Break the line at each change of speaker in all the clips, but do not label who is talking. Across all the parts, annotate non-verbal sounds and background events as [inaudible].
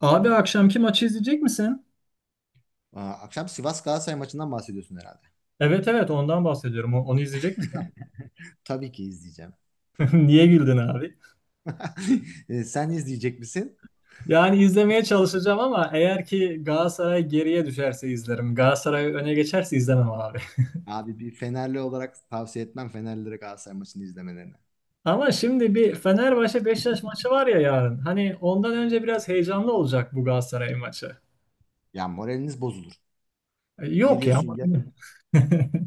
Abi akşamki maçı izleyecek misin?
Aa, akşam Sivas Galatasaray maçından bahsediyorsun herhalde.
Evet, evet, ondan bahsediyorum. Onu izleyecek misin?
Tabii ki izleyeceğim.
[laughs] Niye güldün abi?
[laughs] E, sen izleyecek misin?
Yani izlemeye çalışacağım ama eğer ki Galatasaray geriye düşerse izlerim. Galatasaray öne geçerse izlemem abi.
Abi bir Fenerli olarak tavsiye etmem Fenerlilere Galatasaray maçını izlemelerini.
[laughs] Ama şimdi bir Fenerbahçe Beşiktaş maçı var ya yarın. Hani ondan önce biraz heyecanlı olacak bu Galatasaray maçı.
Ya moraliniz bozulur.
Yok ya.
Biliyorsun ya
[laughs]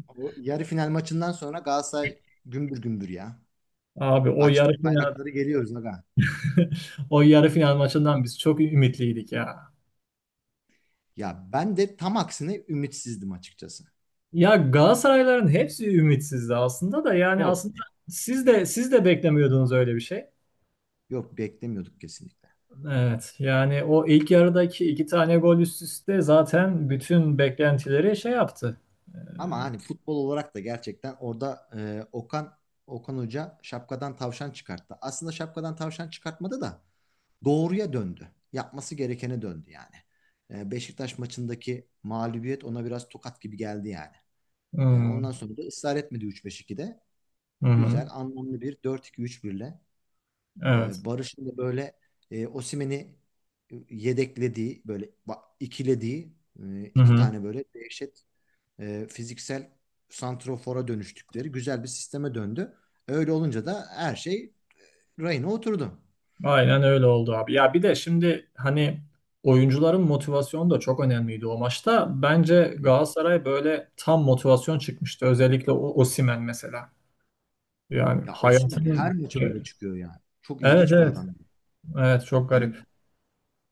o yarı final maçından sonra Galatasaray gümbür gümbür ya.
Abi o yarı
Açtık
final.
bayrakları geliyoruz aga.
[laughs] O yarı final maçından biz çok ümitliydik ya.
Ya ben de tam aksine ümitsizdim açıkçası.
Ya Galatasarayların hepsi ümitsizdi aslında da, yani
Yok.
aslında siz de beklemiyordunuz öyle bir şey.
Yok, beklemiyorduk kesinlikle.
Evet, yani o ilk yarıdaki iki tane gol üst üste zaten bütün beklentileri şey yaptı.
Ama hani futbol olarak da gerçekten orada Okan Hoca şapkadan tavşan çıkarttı. Aslında şapkadan tavşan çıkartmadı da doğruya döndü. Yapması gerekene döndü yani. Beşiktaş maçındaki mağlubiyet ona biraz tokat gibi geldi yani. E,
Hmm.
ondan sonra da ısrar etmedi 3-5-2'de.
Hı hı.
Güzel, anlamlı bir 4-2-3-1'le.
Evet.
Barış'ın da böyle Osimhen'i yedeklediği, böyle ikilediği
Hı
iki
hı.
tane böyle dehşet fiziksel santrofora dönüştükleri güzel bir sisteme döndü. Öyle olunca da her şey rayına oturdu.
Aynen öyle oldu abi. Ya bir de şimdi hani oyuncuların motivasyonu da çok önemliydi o maçta. Bence
Hı hı.
Galatasaray böyle tam motivasyon çıkmıştı. Özellikle o Osimhen mesela. Yani
Ya Osimhen her
hayatının.
maça öyle çıkıyor yani. Çok
Evet,
ilginç bir
evet.
adam.
Evet, çok
Hani
garip.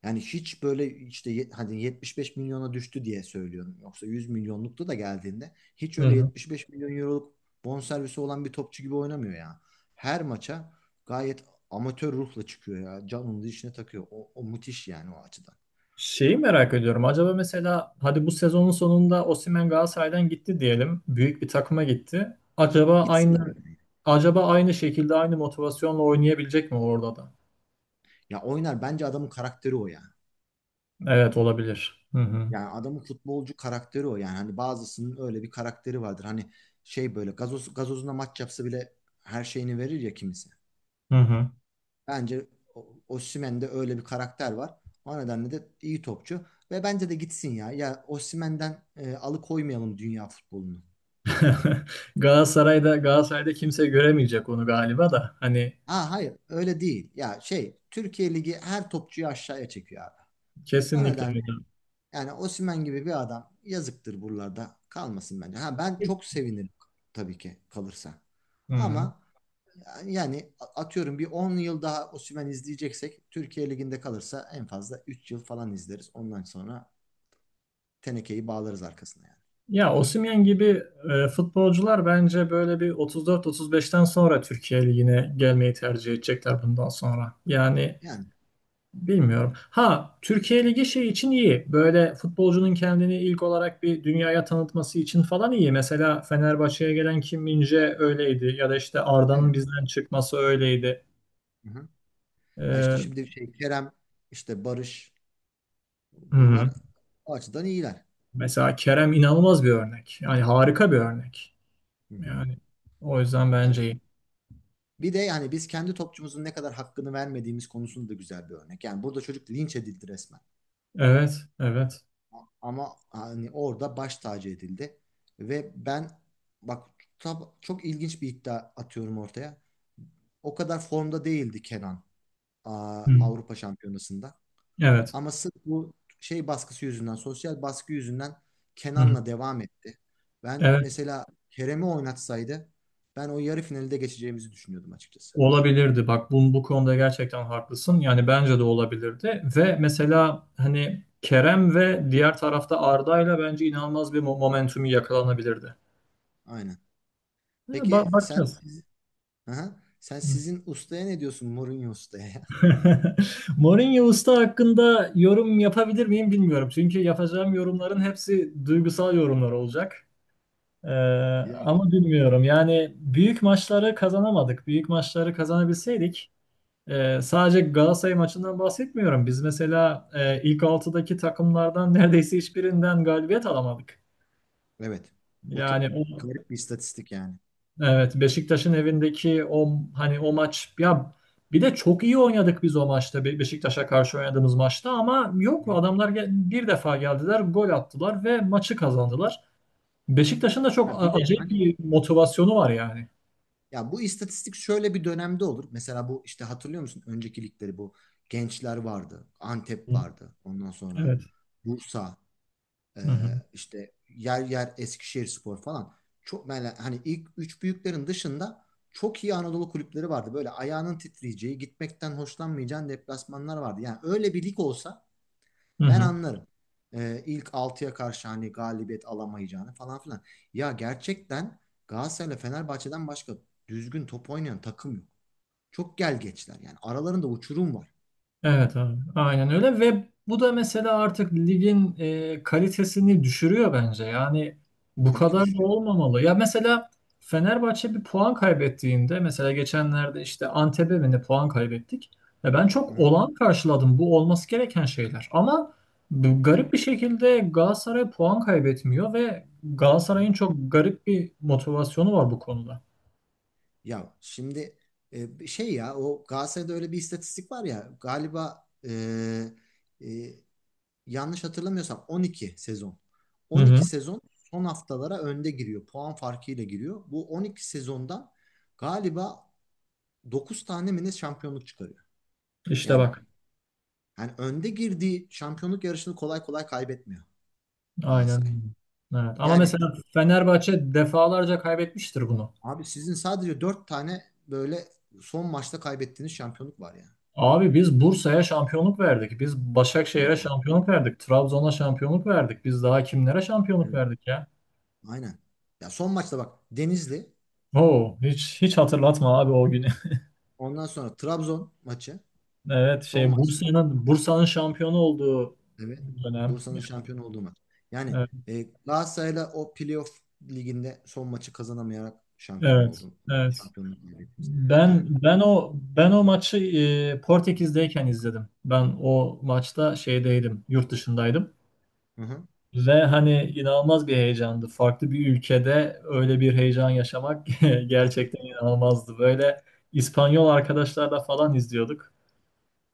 yani hiç böyle işte hadi 75 milyona düştü diye söylüyorum. Yoksa 100 milyonlukta da geldiğinde hiç
Hı
öyle
hı.
75 milyon euroluk bonservisi olan bir topçu gibi oynamıyor ya. Her maça gayet amatör ruhla çıkıyor ya. Canını işine takıyor. O müthiş yani o açıdan.
Şeyi merak ediyorum. Acaba mesela hadi bu sezonun sonunda Osimhen Galatasaray'dan gitti diyelim. Büyük bir takıma gitti. Acaba
Gitsin
aynı,
yani.
acaba aynı şekilde aynı motivasyonla oynayabilecek mi orada da?
Ya oynar, bence adamın karakteri o yani.
Evet, olabilir. Hı hı.
Yani adamın futbolcu karakteri o yani. Hani bazısının öyle bir karakteri vardır. Hani şey böyle gazozuna maç yapsa bile her şeyini verir ya kimisi.
Hı hı.
Bence Osimhen'de öyle bir karakter var. O nedenle de iyi topçu. Ve bence de gitsin ya. Ya Osimhen'den alıkoymayalım dünya futbolunu.
[laughs] Galatasaray'da kimse göremeyecek onu galiba da. Hani
Ha, hayır öyle değil. Ya şey Türkiye Ligi her topçuyu aşağıya çekiyor abi. O
kesinlikle
nedenle
öyle.
yani Osimhen gibi bir adam yazıktır buralarda. Kalmasın bence. Ha, ben çok sevinirim tabii ki kalırsa.
Hı hı.
Ama yani atıyorum bir 10 yıl daha Osimhen izleyeceksek Türkiye Ligi'nde kalırsa en fazla 3 yıl falan izleriz. Ondan sonra tenekeyi bağlarız arkasına yani.
Ya Osimhen gibi futbolcular bence böyle bir 34-35'ten sonra Türkiye Ligi'ne gelmeyi tercih edecekler bundan sonra. Yani
Yani,
bilmiyorum. Ha, Türkiye Ligi şey için iyi. Böyle futbolcunun kendini ilk olarak bir dünyaya tanıtması için falan iyi. Mesela Fenerbahçe'ye gelen Kim Min-jae öyleydi. Ya da işte Arda'nın
evet.
bizden çıkması öyleydi.
Hı hı. Ya işte
Hı
şimdi şey Kerem, işte Barış,
hı.
bunlar o açıdan iyiler.
Mesela Kerem inanılmaz bir örnek. Yani harika bir örnek.
Hı hı.
Yani o yüzden
Ya
bence iyi.
bir de yani biz kendi topçumuzun ne kadar hakkını vermediğimiz konusunda da güzel bir örnek. Yani burada çocuk linç edildi resmen.
Evet, evet.
Ama hani orada baş tacı edildi. Ve ben bak, çok ilginç bir iddia atıyorum ortaya. O kadar formda değildi Kenan
Hı.
Avrupa Şampiyonası'nda.
Evet.
Ama sırf bu şey baskısı yüzünden, sosyal baskı yüzünden
Hı hı.
Kenan'la devam etti. Ben
Evet.
mesela Kerem'i oynatsaydı ben o yarı finalde geçeceğimizi düşünüyordum açıkçası.
Olabilirdi. Bak bu, bu konuda gerçekten haklısın. Yani bence de olabilirdi. Ve mesela hani Kerem ve diğer tarafta Arda'yla bence inanılmaz bir momentumu yakalanabilirdi.
Aynen.
Ya,
Peki,
bakacağız.
siz, Aha. Sizin ustaya ne diyorsun Mourinho ustaya? [laughs]
[laughs] Mourinho Usta hakkında yorum yapabilir miyim bilmiyorum. Çünkü yapacağım yorumların hepsi duygusal yorumlar olacak. Ee,
Ya?
ama bilmiyorum. Yani büyük maçları kazanamadık. Büyük maçları kazanabilseydik. Sadece Galatasaray maçından bahsetmiyorum. Biz mesela ilk altıdaki takımlardan [laughs] neredeyse hiçbirinden galibiyet alamadık.
Evet. O çok
Yani o,
garip bir istatistik yani.
evet, Beşiktaş'ın evindeki o, hani o maç ya, bir de çok iyi oynadık biz o maçta Beşiktaş'a karşı oynadığımız maçta ama yok,
Hı.
adamlar bir defa geldiler, gol attılar ve maçı kazandılar. Beşiktaş'ın da çok
Ya bir de
acayip
hani
bir motivasyonu var yani.
ya bu istatistik şöyle bir dönemde olur. Mesela bu işte, hatırlıyor musun? Önceki ligleri bu Gençler vardı. Antep
Hı.
vardı. Ondan sonra
Evet.
Bursa, e,
Hı hı.
işte yer yer Eskişehirspor falan. Çok böyle hani ilk üç büyüklerin dışında çok iyi Anadolu kulüpleri vardı. Böyle ayağının titreyeceği, gitmekten hoşlanmayacağın deplasmanlar vardı. Yani öyle bir lig olsa
Hı
ben
hı.
anlarım. İlk altıya karşı hani galibiyet alamayacağını falan filan. Ya gerçekten Galatasaray'la Fenerbahçe'den başka düzgün top oynayan takım yok. Çok gel geçler yani. Aralarında uçurum var.
Evet abi, aynen öyle ve bu da mesela artık ligin kalitesini düşürüyor bence. Yani bu
Tabii ki
kadar da
düşünüyorum.
olmamalı. Ya mesela Fenerbahçe bir puan kaybettiğinde, mesela geçenlerde işte Antep'e mi ne puan kaybettik. Ya ben çok
Hı-hı.
olağan karşıladım. Bu olması gereken şeyler. Ama bu
Tabii ki.
garip bir şekilde Galatasaray puan kaybetmiyor ve
Hı-hı.
Galatasaray'ın çok garip bir motivasyonu var bu konuda.
Ya şimdi şey ya o Galatasaray'da öyle bir istatistik var ya galiba, e, yanlış hatırlamıyorsam 12 sezon.
Hı hı.
12 sezon son haftalara önde giriyor. Puan farkıyla giriyor. Bu 12 sezondan galiba dokuz tane mi ne şampiyonluk çıkarıyor.
İşte
Yani
bak.
yani önde girdiği şampiyonluk yarışını kolay kolay kaybetmiyor Galatasaray.
Aynen. Evet. Ama
Yani
mesela Fenerbahçe defalarca kaybetmiştir bunu.
abi sizin sadece 4 tane böyle son maçta kaybettiğiniz şampiyonluk var yani.
Abi biz Bursa'ya şampiyonluk verdik. Biz
Evet.
Başakşehir'e
Evet.
şampiyonluk verdik. Trabzon'a şampiyonluk verdik. Biz daha kimlere şampiyonluk
Evet,
verdik ya?
aynen. Ya son maçta bak Denizli,
Oo, hiç hiç hatırlatma abi o günü. [laughs]
ondan sonra Trabzon maçı,
Evet,
son
şey
maçta.
Bursa'nın şampiyonu olduğu
Evet.
dönem.
Bursa'nın şampiyon olduğu maç. Yani
Evet.
Galatasaray'la o playoff liginde son maçı kazanamayarak şampiyon
Evet,
oldun.
evet.
Şampiyonluk kaybetmiş. Yani.
Ben o maçı Portekiz'deyken izledim. Ben o maçta şeydeydim, yurt dışındaydım.
Hı hı.
Ve hani inanılmaz bir heyecandı. Farklı bir ülkede öyle bir heyecan yaşamak [laughs] gerçekten inanılmazdı. Böyle İspanyol arkadaşlarla falan izliyorduk.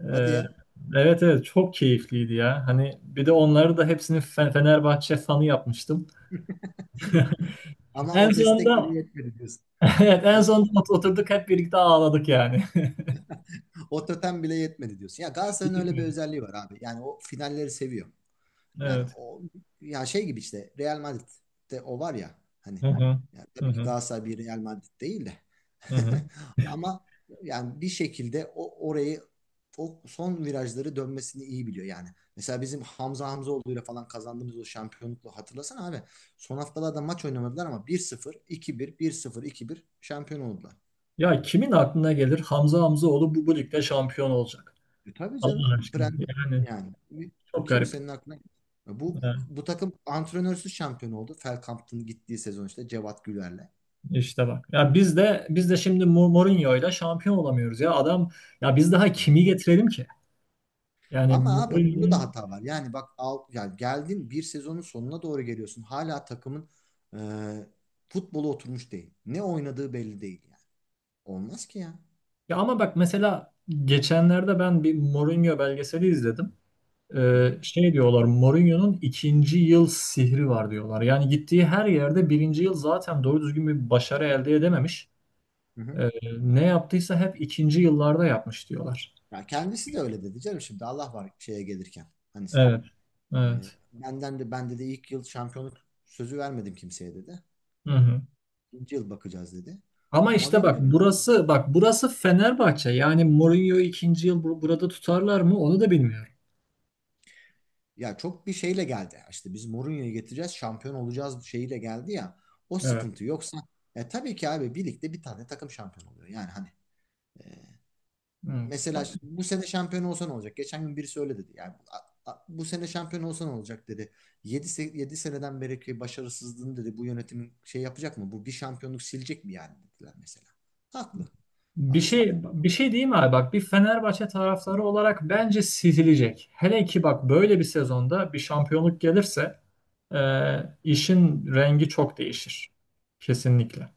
Hadi
Ee,
ya.
evet, evet, çok keyifliydi ya. Hani bir de onları da hepsini Fenerbahçe fanı yapmıştım.
Ama
En
o destek bile
sonunda
yetmedi diyorsun.
[laughs] evet, en
O,
sonunda oturduk hep birlikte ağladık yani.
o totem bile yetmedi diyorsun. Ya
[laughs]
Galatasaray'ın öyle bir
Keyifliydi.
özelliği var abi. Yani o finalleri seviyor. Yani
Evet.
o, ya şey gibi işte Real Madrid'de o var ya, hani
Hı hı.
yani
Hı
tabii ki
hı.
Galatasaray bir Real Madrid değil de
Hı hı.
[laughs] ama yani bir şekilde o orayı, o son virajları dönmesini iyi biliyor yani. Mesela bizim Hamza Hamzaoğlu'yla falan kazandığımız o şampiyonlukla hatırlasana abi. Son haftalarda maç oynamadılar ama bir sıfır iki bir bir sıfır iki bir şampiyon oldular.
Ya kimin aklına gelir Hamza Hamzaoğlu bu, bu ligde şampiyon olacak?
E tabii canım.
Allah aşkına.
Prend
Yani
yani
çok garip.
kimsenin aklına bu
Ee,
bu takım antrenörsüz şampiyon oldu. Feldkamp'ın gittiği sezon işte Cevat Güler'le.
İşte bak. Ya biz de şimdi Mourinho'yla şampiyon olamıyoruz ya. Adam, ya biz daha
Hı.
kimi getirelim ki? Yani
Ama abi onda da
Mourinho'nun,
hata var. Yani bak al, yani geldin bir sezonun sonuna doğru geliyorsun. Hala takımın e, futbolu oturmuş değil. Ne oynadığı belli değil yani. Olmaz ki ya.
ya ama bak mesela geçenlerde ben bir Mourinho belgeseli izledim.
Hı hı,
Şey diyorlar, Mourinho'nun ikinci yıl sihri var diyorlar. Yani gittiği her yerde birinci yıl zaten doğru düzgün bir başarı elde edememiş.
hı hı.
Ee, ne yaptıysa hep ikinci yıllarda yapmış diyorlar.
Ya kendisi de öyle dedi canım şimdi Allah var şeye gelirken. Hani
Evet. Evet.
benden de bende de ilk yıl şampiyonluk sözü vermedim kimseye dedi.
Hı hı.
İkinci yıl bakacağız dedi.
Ama
Ama
işte bak,
bilmiyorum.
burası bak burası Fenerbahçe. Yani Mourinho ikinci yıl burada tutarlar mı onu da bilmiyorum.
Ya çok bir şeyle geldi. İşte biz Mourinho'yu getireceğiz, şampiyon olacağız şeyiyle geldi ya. O
Evet.
sıkıntı yoksa ya tabii ki abi birlikte bir tane takım şampiyon oluyor. Yani hani
Evet.
mesela bu sene şampiyon olsa ne olacak? Geçen gün birisi öyle dedi. Yani bu sene şampiyon olsa ne olacak dedi. 7 7 seneden beri ki başarısızlığını dedi bu yönetimin şey yapacak mı? Bu bir şampiyonluk silecek mi yani dediler mesela. Haklı
Bir şey
aslında.
bir şey diyeyim abi, bak, bir Fenerbahçe taraftarı olarak bence sizilecek. Hele ki bak böyle bir sezonda bir şampiyonluk gelirse e, işin rengi çok değişir. Kesinlikle.